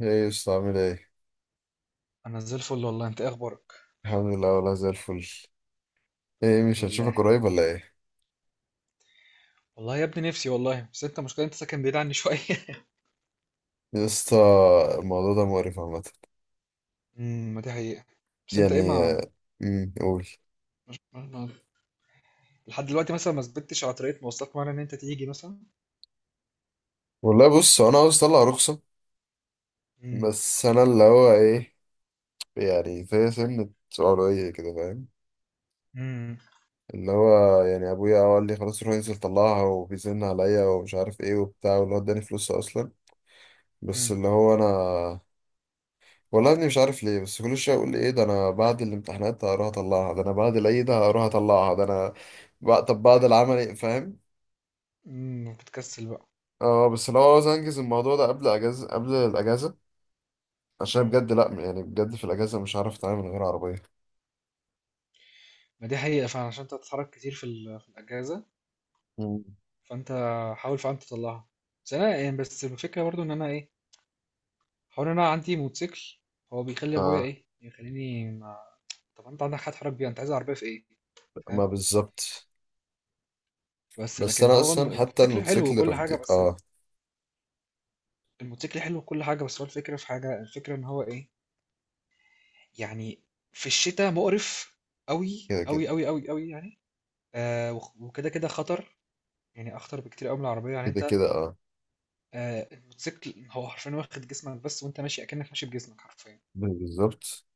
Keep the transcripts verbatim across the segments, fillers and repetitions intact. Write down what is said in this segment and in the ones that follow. ايه يا اسطى عامل ايه؟ انا زي الفل والله، انت إيه اخبارك؟ الحمد لله والله زي الفل. ايه الحمد مش هنشوفك لله. قريب ولا ايه؟ والله يا ابني نفسي والله، بس انت مشكلة، انت ساكن بعيد عني شوية. يا اسطى الموضوع ده مقرف عامة. امم ما دي حقيقة. بس انت ايه؟ يعني ما آه، امم قول. ما- ما- لحد دلوقتي مثلا ما ثبتتش على طريقة مواصلات معينة ان انت تيجي مثلا. والله بص هو انا عاوز اطلع رخصة، امم بس انا اللي هو ايه، يعني في سنة علوية كده فاهم، امم اللي هو يعني ابويا قال لي خلاص روح انزل طلعها وبيزن عليا ومش عارف ايه وبتاع واللي هو اداني فلوس اصلا، بس امم اللي هو انا والله يا ابني مش عارف ليه، بس كل شويه اقول ايه ده، انا بعد الامتحانات هروح اطلعها، ده انا بعد العيد هروح اطلعها، ده انا بقى طب بعد العمل فاهم. امم بتكسل بقى. اه بس لو عاوز انجز الموضوع ده قبل اجازه، قبل الاجازه، عشان امم بجد لا يعني بجد في الاجازه مش عارف اتعامل من غير عربيه. ما دي حقيقة فعلا، عشان انت بتتحرك كتير في ال- في الاجازة، مم. فانت حاول فعلا تطلعها. بس انا يعني، بس الفكرة برضو ان انا ايه، حوار ان انا عندي موتوسيكل، هو بيخلي ابويا اه ايه يخليني ما... طب انت عندك حد تحرك بيها؟ انت عايز عربية في ايه؟ ما بالظبط. بس بس لكن انا هو الم- اصلا حتى الموتوسيكل حلو الموتوسيكل وكل حاجة، رفضي بس اه. الموتوسيكل حلو وكل حاجة، بس هو الفكرة في حاجة، الفكرة ان هو ايه، يعني في الشتاء مقرف قوي كده كده قوي قوي قوي قوي، يعني آه وخ- وكده كده خطر، يعني اخطر بكتير قوي من العربية، يعني كده انت كده اه آه الموتوسيكل هو حرفيا واخد جسمك بس، وانت ماشي اكنك ماشي بجسمك حرفيا، بالظبط.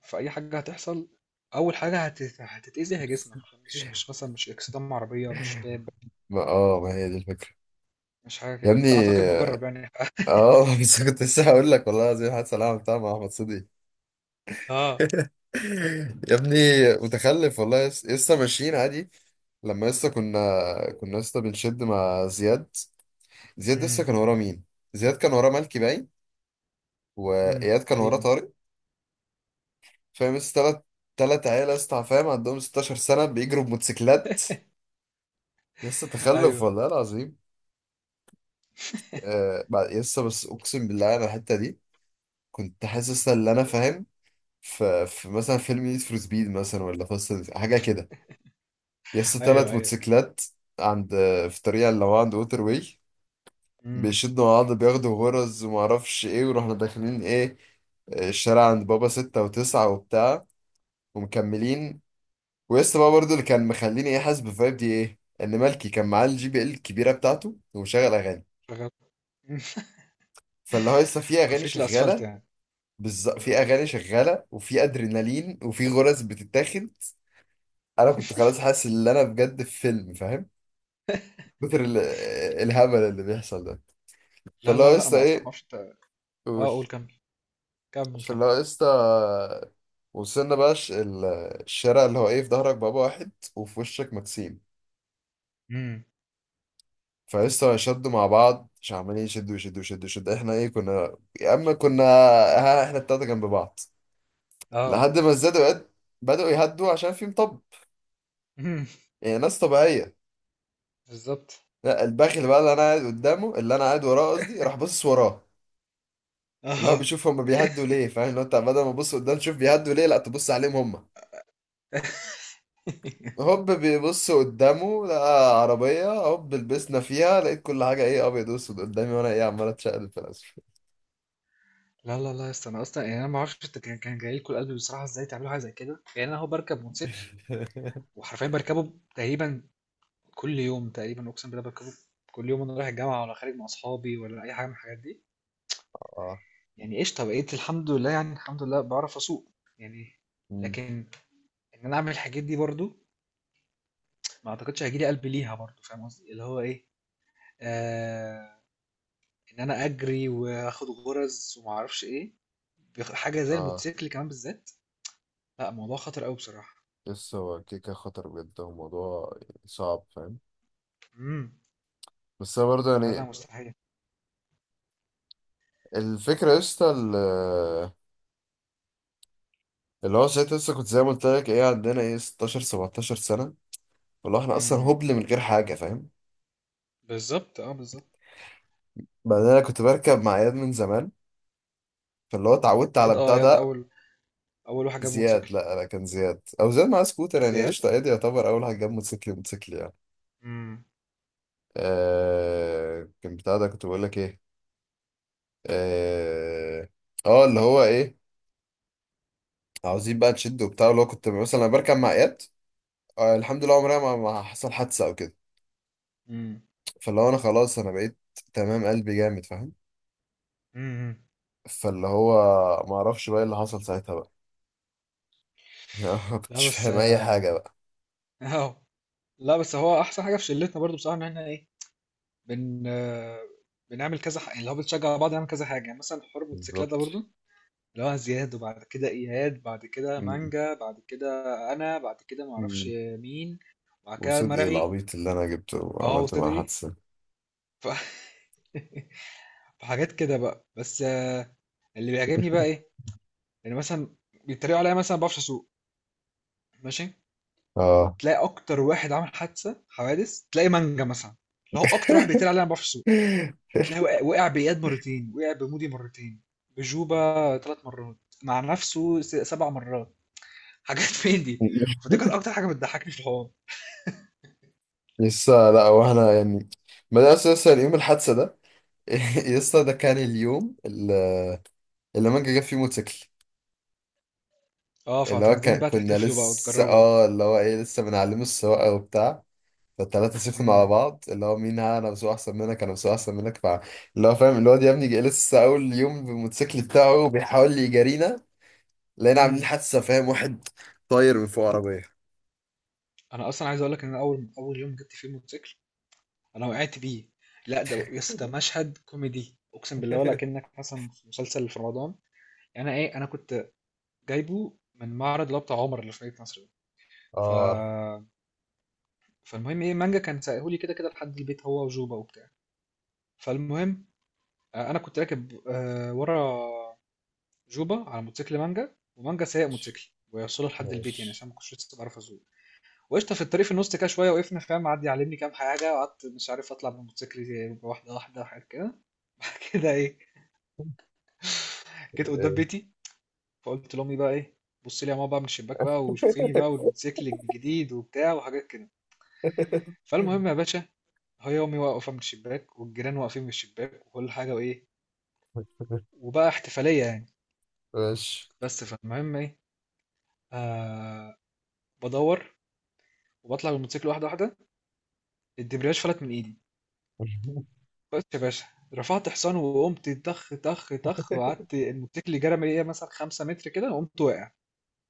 فاي حاجة هتحصل، اول حاجة هت- هتتأذي هي جسمك، مش مش مثلا مش اكسدام عربية، مش باب، ما اه ما هي دي الفكره. مش حاجة يا كده، ابني وانت اعتقد مجرب يعني. اه بس كنت لسه هقول لك، والله زي حد سلام بتاع مع احمد صديق. اه، يا ابني متخلف والله، يس- لسه ماشيين عادي، لما لسه كنا، كنا لسه بنشد مع زياد. زياد لسه امم كان وراه مين؟ زياد كان وراه ملكي باين، أمم، واياد كان وراه تقريبا. طارق. فاهم لسه تلات، تلات عيال لسه فاهم عندهم ستاشر سنة بيجروا بموتوسيكلات. لسه تخلف ايوه، والله العظيم. آه بعد- لسه بس اقسم بالله انا الحتة دي كنت حاسس ان انا فاهم في في مثلا فيلم نيد فور سبيد مثلا ولا فاست حاجة كده. يس تلات أيوه، أيوه. موتوسيكلات عند، في الطريق اللي هو عند ووتر واي، إمم. بيشدوا مع بعض بياخدوا غرز ومعرفش ايه، ورحنا داخلين ايه الشارع عند بابا ستة وتسعة وبتاع ومكملين. ويس بقى برضو اللي كان مخليني ايه حاسس بالفايب دي ايه، ان مالكي كان معاه الجي بي ال الكبيرة بتاعته ومشغل اغاني، شغّال. إمم. فاللي هو لسه في اغاني عفريت الأسفلت شغالة. يعني. بالظبط إمم. في اغاني شغالة وفي ادرينالين وفي غرز بتتاخد. انا كنت خلاص حاسس ان انا بجد في فيلم، فاهم كتر ال- الهبل اللي بيحصل ده. لا، فاللي لا، هو لأ، لسه أنا أصلًا ما ايه، أعرفش أنت. قول. آه قُل كمّل، كمّل، كمّل. فاللي هو لسه وصلنا بقى ش- ال- الشارع اللي هو ايه في ظهرك بابا واحد وفي وشك مكسيم. إمم. فلسه شدوا مع بعض، مش عمالين يشدوا يشدوا يشدوا يشدوا، احنا ايه كنا يا اما كنا ها احنا التلاته جنب بعض آه. لحد ما ازدادوا يد- بدأوا يهدوا عشان في مطب، إمم. يعني ناس طبيعية. بالضبط. لا الباخل بقى اللي انا قاعد قدامه، اللي انا قاعد وراه قصدي، راح باصص وراه، اللي هو آه. بيشوف هما بيهدوا ليه فاهم، اللي هو انت بدل ما تبص قدام تشوف بيهدوا ليه، لا تبص عليهم هما. هوب بيبص قدامه لقى عربية، هوب لبسنا فيها، لقيت كل حاجة ايه ابيض واسود قدامي، وانا ايه عمال اتشقلب في الاسفل. لا، لا، لا، يا اسطى، أنا أصلًا يعني أنا ما أعرفش أنت كان كان جاي لكم القلب بصراحة إزاي تعملوا حاجة زي كده. يعني أنا أهو باركب موتوسيكل، وحرفيًا باركبه تقريبًا كل يوم تقريبًا، أقسم بالله باركبه كل يوم، وأنا رايح الجامعة ولا خارج مع أصحابي ولا أي حاجة من الحاجات دي، اه. يعني قشطة، بقيت الحمد لله، يعني الحمد لله باعرف أسوق، يعني. مم. لكن إن أنا أعمل الحاجات دي برضه ما أعتقدش هييجي لي قلب ليها برضه، فاهم قصدي؟ اللي هو إيه، آه، إن أنا أجري وآخد غرز وما أعرفش إيه، بيخ- حاجة زي اه الموتوسيكل كمان بالذات، لا موضوع خطر أوي بصراحة. بس هو كيكة خطر بجد، هو موضوع صعب فاهم. امم بس انا برضه فلا لا يعني مستحيل. الفكرة يا اسطى ال- اللي هو ساعتها لسه كنت زي ما قلت لك ايه عندنا ايه ستاشر سبعتاشر سنة، فاللي هو احنا اصلا امم هبل من غير حاجة فاهم. بالظبط، اه بالظبط. بعدين انا كنت بركب مع اياد من زمان، فاللي هو اتعودت على زياد، اه بتاع زياد ده. أول أول واحد جاب زياد موتوسيكل. لا لا كان زياد، او زياد معاه سكوتر يعني زياد. قشطه، ايدي يعتبر اول حاجه جاب موتوسيكل موتوسيكل يعني. امم. آه كان بتاع ده كنت بقول لك ايه. اه آه، اللي هو ايه عاوزين بقى نشد وبتاع، اللي هو كنت مثلا أنا بركب مع اياد. آه الحمد لله عمرها ما, ما حصل حادثه او كده. امم. فاللي هو انا خلاص انا بقيت تمام، قلبي جامد فاهم. امم. فاللي هو ما اعرفش بقى إيه اللي حصل ساعتها بقى، يعني ما لا كنتش بس فاهم اي آه. حاجه بقى. أهو. لا بس هو أحسن حاجة في شلتنا برضه بصراحة إن إحنا إيه، بن آه، بنعمل كذا حاجة، اللي هو بنشجع بعض، نعمل كذا حاجة، يعني مثلا حوار الموتوسيكلات ده بالظبط. برضه، اللي هو زياد وبعد كده إياد بعد كده مم. مانجا بعد كده أنا بعد كده معرفش مم. مين بعد كده وصدقي مرعي. العبيط اللي انا جبته اه وعملت معاه وصدقي حادثه. ف... فحاجات كده بقى، بس آه، اللي بيعجبني بقى إيه، يعني مثلا بيتريقوا عليا مثلا ما بعرفش أسوق، ماشي. اه تلاقي أكتر واحد عامل حادثة، حوادث، تلاقي مانجا مثلا، اللي هو أكتر واحد بيتريق عليا أنا ما بعرفش أسوق. تلاقي وقع, وقع بإياد مرتين، وقع بمودي مرتين، بجوبة ثلاث مرات، مع نفسه س- سبع مرات، حاجات. فين دي؟ فدي كانت أكتر حاجة بتضحكني في الحوار. لسه لا واحنا يعني بدأنا لسه، لسه اليوم الحادثة ده لسه ده كان اليوم اللي اللي مانجا جاب فيه موتوسيكل. اه، اللي هو فهتنزلين كان بقى كنا تحتفلوا بقى لسه وتجربوا. اه اللي هو ايه لسه بنعلمه السواقة وبتاع، فالتلاتة سيفنا على امم بعض، اللي هو مين ها، انا بسوق احسن منك، انا بسوق احسن منك، فا اللي هو فاهم الواد يا ابني جاي لسه اول يوم بالموتوسيكل بتاعه بيحاول يجارينا، لقينا عاملين امم حادثة فاهم، واحد طاير من فوق عربية. انا اصلا عايز اقول لك ان انا اول اول يوم جبت فيه موتوسيكل، انا وقعت بيه. لا ده يا اسطى ده مشهد كوميدي، اقسم بالله ولا كأنك مثلا في مسلسل في رمضان، يعني انا ايه، انا كنت جايبه من معرض اللي هو بتاع عمر اللي في مدينة نصر ده. ف اه عارف. فالمهم ايه، مانجا كان سايقهولي كده كده لحد البيت هو وجوبا وبتاع. فالمهم آه، انا كنت راكب آه، ورا جوبا على موتوسيكل مانجا، ومانجا سايق موتوسيكل ويوصله لحد البيت يعني ماشي. عشان ما كنتش لسه بعرف اسوق. وقشطه في الطريق في النص كده شويه وقفنا فاهم، قعد يعلمني كام حاجه، وقعدت مش عارف اطلع من موتوسيكل، واحده واحده، وحاجات كده. كده ايه، جيت قدام بيتي، فقلت لامي بقى ايه، بص لي يا ماما بقى من الشباك بقى وشوفيني بقى والموتوسيكل الجديد وبتاع وحاجات كده. فالمهم يا باشا، هي امي واقفه من الشباك والجيران واقفين من الشباك وكل حاجه، وايه، وبقى احتفاليه يعني. ماشي. بس فالمهم ايه، آه، بدور وبطلع بالموتوسيكل واحده واحده، الدبرياج فلت من ايدي، بس يا باشا، رفعت حصان وقمت طخ طخ طخ، وقعدت الموتوسيكل جرى من ايه مثلا خمسة متر كده، وقمت واقع.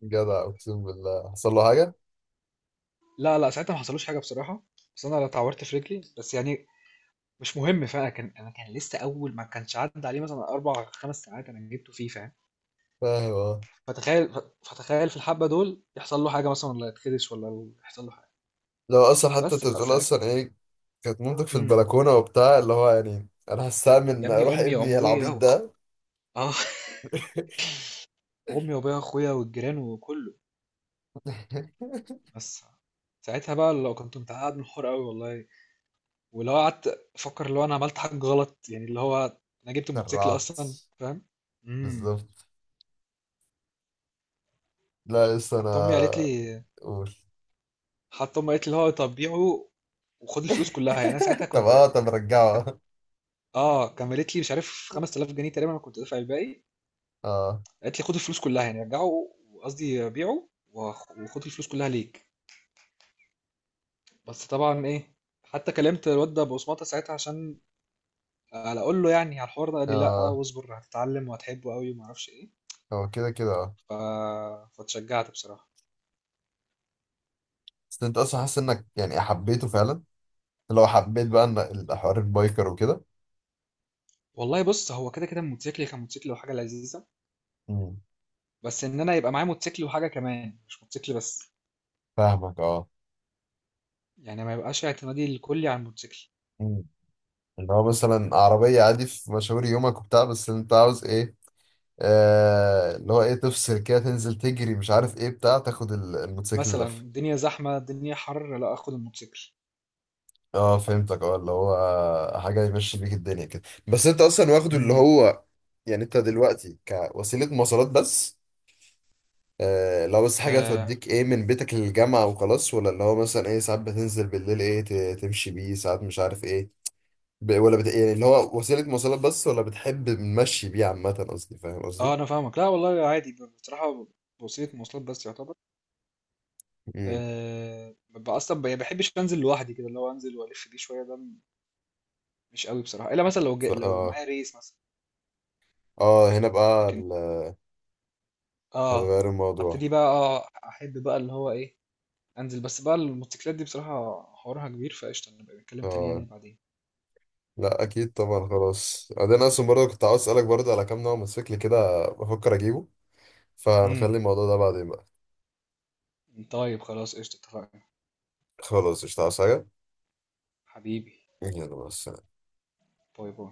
جدع اقسم بالله حصل له حاجه لا لا، ساعتها ما حصلوش حاجه بصراحه، بس انا لا اتعورت في رجلي بس، يعني مش مهم فاهم، كان انا كان لسه اول، ما كانش عدى عليه مثلا اربع خمس ساعات انا جبته فيه فاهم. فاهم اه. فتخيل ف- فتخيل في الحبه دول يحصل له حاجه مثلا، ولا يتخدش، ولا يحصل له حاجه. لو اصلا حتى بس انت بقى بتقول ساعتها، اصلا ايه كانت مامتك في امم البلكونه وبتاع، اللي هو يعني انا يا هستأمن ابني اروح امي ابني وابويا العبيط و- ده. اه امي وابويا واخويا والجيران وكله، بس ساعتها بقى لو كنت متعقد من الحوار قوي والله، ولو قعدت افكر اللي هو انا عملت حاجه غلط، يعني اللي هو انا جبت الموتوسيكل سرعت اصلا فاهم. امم بالظبط. لا لسه حتى امي قالت انا لي، قول. حتى امي قالت لي اللي هو طب بيعه وخد الفلوس كلها يعني. انا ساعتها طب كنت اه طب رجعه. اه، كان قالت لي مش عارف خمسة آلاف جنيه تقريبا انا كنت دافع الباقي، اه قالت لي خد الفلوس كلها يعني رجعه، قصدي بيعه وخ- وخد الفلوس كلها ليك. بس طبعا ايه، حتى كلمت الواد ده بصمته ساعتها عشان على اقول له، يعني على الحوار ده، قال لي لا اه واصبر هتتعلم وهتحبه قوي وما اعرفش ايه. هو كده كده اه. ف... فتشجعت بصراحه. بس انت اصلا حاسس انك يعني حبيته فعلا، لو حبيت بقى ان الحوار البايكر وكده. والله بص هو كده كده الموتوسيكل كان موتوسيكل وحاجه لذيذه، مم. بس ان انا يبقى معايا موتوسيكل وحاجه كمان مش موتوسيكل بس، فاهمك اه. يعني ما يبقاش اعتمادي الكلي على الموتوسيكل، اللي هو مثلا عربية عادي في مشاوير يومك وبتاع، بس انت عاوز ايه آه، اللي هو ايه تفصل كده تنزل تجري مش عارف ايه بتاع، تاخد ال- الموتوسيكل مثلا لفة. الدنيا زحمه الدنيا حر، لا اخد الموتوسيكل. اه فهمتك اه، اللي هو حاجة يمشي بيك الدنيا كده. بس انت اصلا واخده اللي امم هو يعني انت دلوقتي كوسيلة مواصلات بس، آه لو بس حاجة اه, توديك ايه من بيتك للجامعة وخلاص، ولا اللي هو مثلا ايه ساعات بتنزل بالليل ايه ت- تمشي بيه ساعات مش عارف ايه، ب- ولا بت... يعني اللي هو وسيلة مواصلات بس، ولا بتحب نمشي بيه عامة قصدي، فاهم آه قصدي؟ انا فاهمك، لا والله عادي بصراحه، وسيله مواصلات بس يعتبر. آه ببقى اصلا ما بحبش انزل لوحدي كده، اللي هو انزل والف بيه شويه ده مش قوي بصراحه، الا مثلا لو ف... جا... لو اه. معايا ريس مثلا. اه هنا بقى لكن ال- اه، هتغير الموضوع. هبتدي بقى، اه احب بقى اللي هو ايه انزل. بس بقى الموتوسيكلات دي بصراحة حوارها كبير، فقشطة نبقى نتكلم تاني اه يعني بعدين. لا اكيد طبعا خلاص بعدين، اصلا برضه كنت عاوز اسالك برضه على كام نوع موتوسيكل كده بفكر اجيبه، امم فنخلي الموضوع ده بعدين بقى. طيب خلاص قشطة، اتفقنا خلاص مش عاوز حاجه، حبيبي، يلا بس. باي باي.